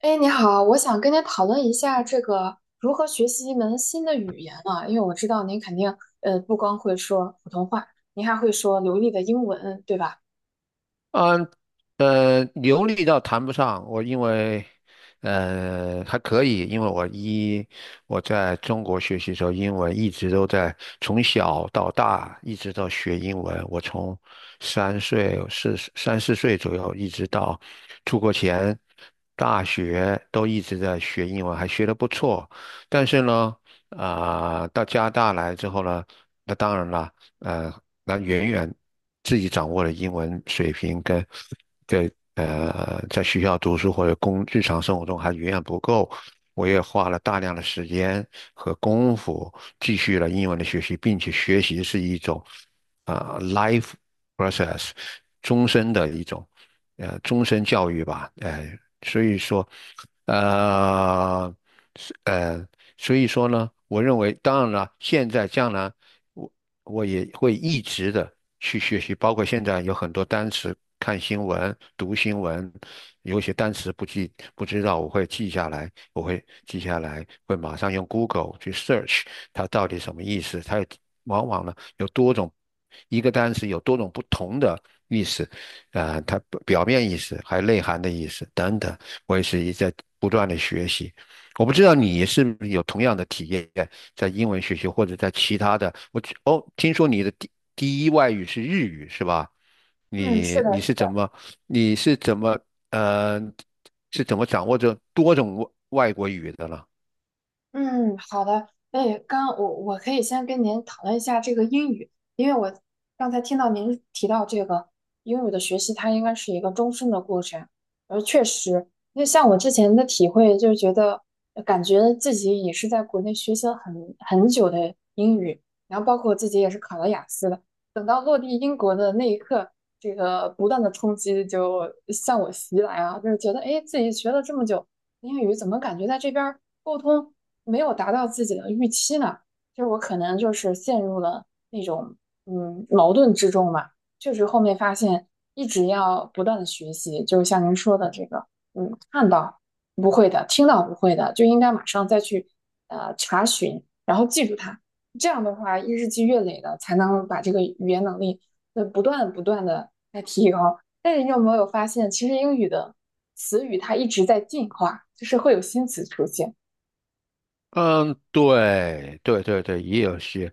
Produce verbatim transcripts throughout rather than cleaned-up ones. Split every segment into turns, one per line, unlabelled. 哎，你好，我想跟您讨论一下这个如何学习一门新的语言啊，因为我知道您肯定呃不光会说普通话，您还会说流利的英文，对吧？
嗯，呃，流利倒谈不上，我因为，呃，还可以，因为我一我在中国学习的时候，英文一直都在，从小到大一直到学英文，我从三岁四三四岁左右一直到出国前大学都一直在学英文，还学得不错。但是呢，啊、到加拿大来之后呢，那当然了。呃，那远远，自己掌握的英文水平跟跟呃在学校读书或者工日常生活中还远远不够。我也花了大量的时间和功夫继续了英文的学习，并且学习是一种啊、呃 life process， 终身的一种呃终身教育吧，哎、所以说呃是呃所以说呢，我认为当然了，现在将来。我。我也会一直的去学习，包括现在有很多单词，看新闻、读新闻，有一些单词不记不知道，我会记下来，我会记下来，会马上用 Google 去 search 它到底什么意思。它有往往呢有多种，一个单词有多种不同的意思，呃，它表面意思还有内涵的意思等等，我也是一直在不断的学习。我不知道你是不是有同样的体验，在英文学习或者在其他的。我去哦，听说你的第第一外语是日语是吧？
嗯，是
你
的。
你是怎么你是怎么呃是怎么掌握着多种外外国语的呢？
嗯，好的。哎，刚我我可以先跟您讨论一下这个英语，因为我刚才听到您提到这个英语的学习，它应该是一个终身的过程。而确实，因为像我之前的体会，就是觉得呃感觉自己也是在国内学习了很很久的英语，然后包括我自己也是考了雅思的。等到落地英国的那一刻，这个不断的冲击就向我袭来啊，就是觉得哎，诶自己学了这么久。英语怎么感觉在这边儿沟通没有达到自己的预期呢？就是我可能就是陷入了那种嗯矛盾之中吧。确实后面发现一直要不断的学习，就是像您说的这个，嗯，看到不会的，听到不会的，就应该马上再去呃查询，然后记住它。这样的话，日积月累的才能把这个语言能力呃不断不断的来提高。但是你有没有发现，其实英语的词语它一直在进化，就是会有新词出现。
嗯，对对对对，也有些，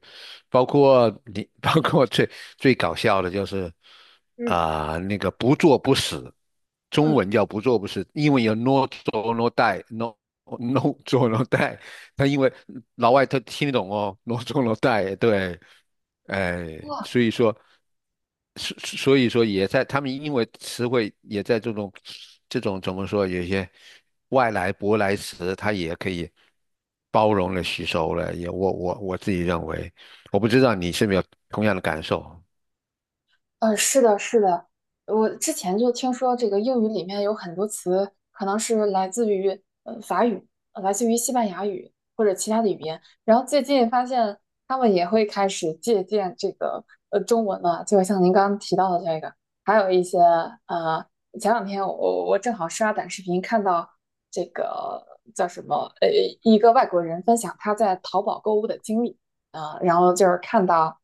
包括你，包括最最搞笑的就是
嗯
啊、那个不作不死，中
嗯，
文叫不作不死，英文有 no do no die，no no do no die，他因为老外他听得懂哦，no do no die，对，哎，
哇。
所以说，所所以说也在他们因为词汇也在这种，这种怎么说，有些外来舶来词，它也可以包容了、吸收了。也我我我自己认为，我不知道你是没有同样的感受。
呃，是的，是的，我之前就听说这个英语里面有很多词可能是来自于呃法语，呃来自于西班牙语或者其他的语言，然后最近发现他们也会开始借鉴这个呃中文了，就像您刚刚提到的这个，还有一些呃，前两天我我正好刷短视频看到这个叫什么呃一个外国人分享他在淘宝购物的经历啊，呃然后就是看到。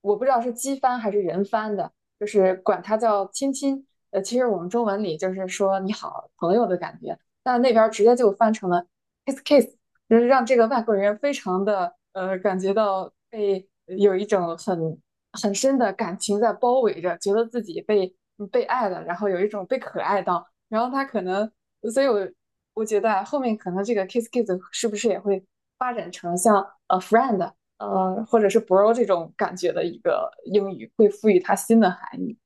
我不知道是机翻还是人翻的，就是管它叫亲亲。呃，其实我们中文里就是说你好朋友的感觉，但那边直接就翻成了 kiss kiss，就是让这个外国人非常的呃感觉到被呃有一种很很深的感情在包围着，觉得自己被嗯被爱了，然后有一种被可爱到，然后他可能，所以我我觉得啊后面可能这个 kiss kiss 是不是也会像呃 friend 呃或者是 bro 这种感觉的一个英语，会赋予它新的含义。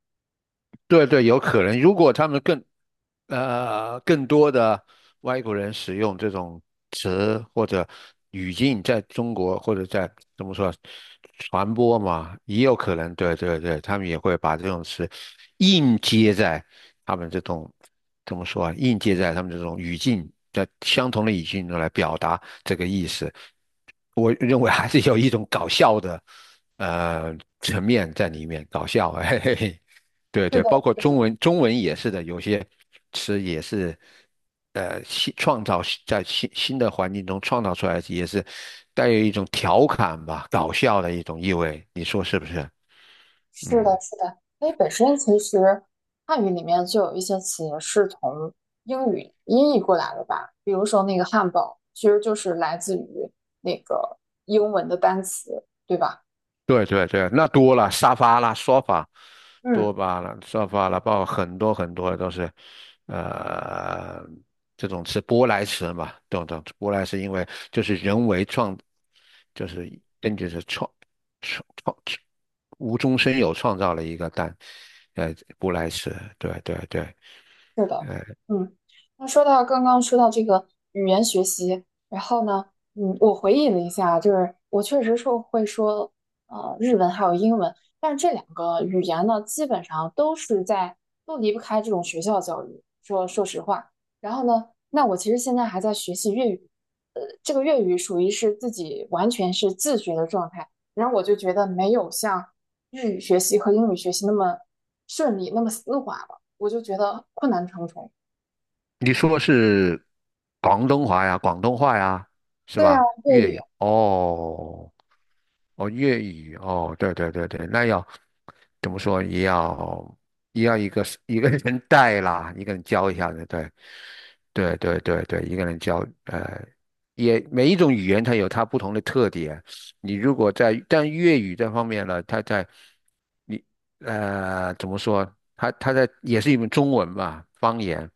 对对，有可能。如果他们更，呃，更多的外国人使用这种词或者语境，在中国或者在怎么说传播嘛，也有可能，对对对，他们也会把这种词硬接在他们这种怎么说啊，硬接在他们这种语境，在相同的语境中来表达这个意思。我认为还是有一种搞笑的呃层面在里面，搞笑，嘿嘿嘿。对
是
对，
的，
包括
是
中
的，
文，中文也是的，有些词也是，呃，新创造，在新新的环境中创造出来，也是带有一种调侃吧、搞笑的一种意味，你说是不是？嗯，
是的，是的。因为本身其实汉语里面就有一些词是从英语音译过来的吧，比如说那个汉堡，其实就是来自于那个英文的单词，对吧？
对对对，那多了，沙发啦、说法、多
嗯。
巴啦、沙发啦，包括很多很多都是，呃，这种词舶来词嘛，等等，舶来是因为就是人为创，就是根据是创创创。无中生有创造了一个蛋，呃，布莱斯，对对对，
是的，嗯，那说到刚刚说到这个语言学习，然后呢，嗯，我回忆了一下，就是我确实说会说呃日文还有英文，但是这两个语言呢，基本上都是在都离不开这种学校教育。说说实话，然后呢，那我其实现在还在学习粤语，呃，这个粤语属于是自己完全是自学的状态，然后我就觉得没有像日语学习和英语学习那么顺利，那么丝滑。我就觉得困难重重。
你说是广东话呀，广东话呀，是
对啊，
吧？
粤
粤
语，
语哦，哦，粤语哦，对对对对，那要怎么说？也要也要一个一个人带啦，一个人教一下子，对，对对对对，一个人教，呃，也每一种语言它有它不同的特点。你如果在但粤语这方面呢，它在你呃怎么说？它它在也是一门中文嘛，方言。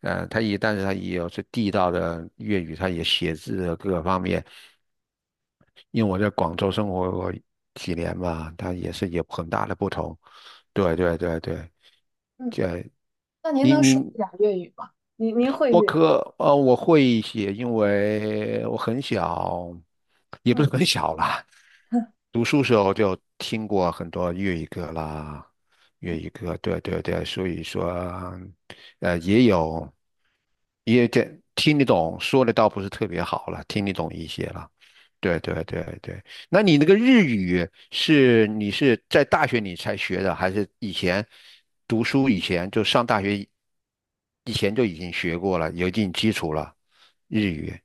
呃，他也，但是他也有是地道的粤语，他也写字啊各个方面。因为我在广州生活过几年嘛，他也是有很大的不同。对对对对，
嗯，
这
那您
你
能
你
说一点粤语吗？您您会
我
粤语？
可呃我会一些，因为我很小，也不
嗯。
是很小啦，读书时候就听过很多粤语歌啦，粤语歌，对对对，所以说，呃，也有，也这听得懂，说的倒不是特别好了，听得懂一些了。对对对对，那你那个日语是你是在大学里才学的，还是以前读书以前就上大学以以前就已经学过了，有一定基础了，日语。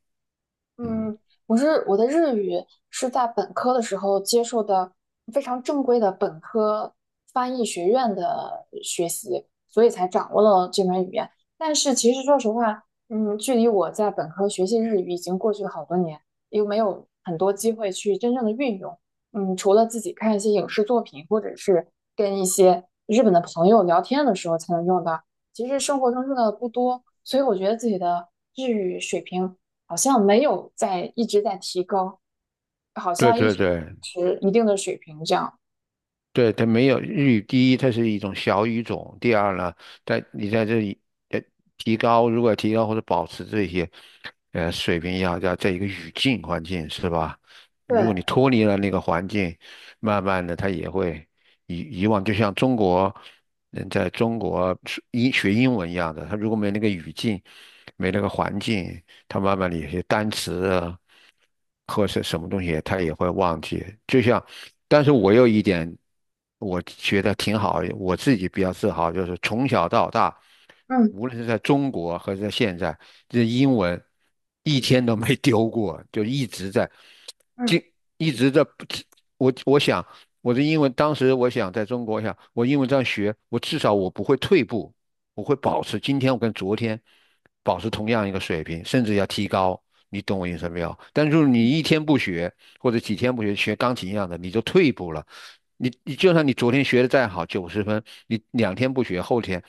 嗯，
嗯，我是我的日语是在本科的时候接受的非常正规的本科翻译学院的学习，所以才掌握了这门语言。但是其实说实话，嗯，距离我在本科学习日语已经过去了好多年，又没有很多机会去真正的运用。嗯，除了自己看一些影视作品，或者是跟一些日本的朋友聊天的时候才能用到。其实生活中用的不多，所以我觉得自己的日语水平好像没有在一直在提高，好
对
像一
对
直
对，
持一定的水平这样。
对，它没有日语。第一，它是一种小语种；第二呢，在你在这里呃提高，如果提高或者保持这些呃水平要，要在一个语境环境是吧？如果
对，
你脱离了那个环境，慢慢的它也会以以往就像中国人在中国是英学英文一样的，他如果没那个语境，没那个环境，他慢慢的有些单词啊或是什么东西，他也会忘记。就像，但是我有一点，我觉得挺好，我自己比较自豪，就是从小到大，
嗯
无论是在中国还是在现在，这英文一天都没丢过，就一直在，就
嗯，
一直在。我我想我的英文，当时我想在中国，我想我英文这样学，我至少我不会退步。我会保持今天我跟昨天保持同样一个水平，甚至要提高。你懂我意思没有？但是你一天不学，或者几天不学，学钢琴一样的，你就退步了。你你就算你昨天学的再好，九十分，你两天不学，后天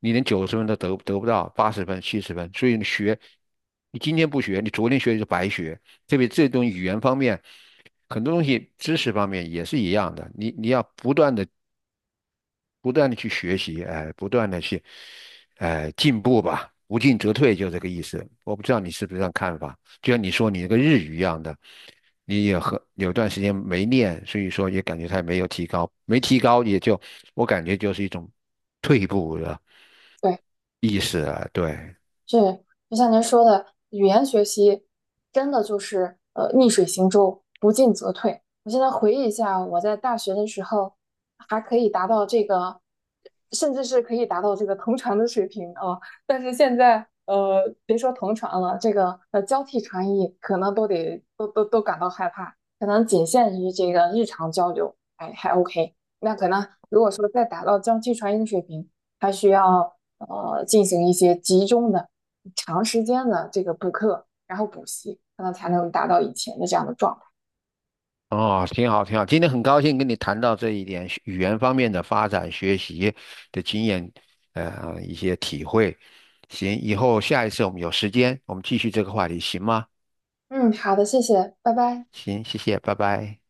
你连九十分都得得不到，八十分、七十分。所以你学，你今天不学，你昨天学就白学。特别这种语言方面，很多东西知识方面也是一样的，你你要不断的不断的去学习，哎，呃不断的去，哎，进步吧，不进则退，就这个意思。我不知道你是不是这样看法，就像你说你那个日语一样的，你也和有段时间没练，所以说也感觉它没有提高，没提高也就我感觉就是一种退步的
对。
意思了，对。
是，就像您说的，语言学习真的就是呃逆水行舟，不进则退。我现在回忆一下，我在大学的时候还可以达到这个，甚至是可以达到这个同传的水平啊，但是现在呃，别说同传了，这个呃交替传译可能都得都都都感到害怕，可能仅限于这个日常交流，哎还 OK。那可能如果说再达到交替传译的水平，还需要呃进行一些集中的。长时间的这个补课，然后补习，可能才能达到以前的这样的状态。
哦，挺好，挺好。今天很高兴跟你谈到这一点学语言方面的发展、学习的经验，呃，一些体会。行，以后下一次我们有时间，我们继续这个话题，行吗？
嗯，好的，谢谢，拜拜。
行，谢谢，拜拜。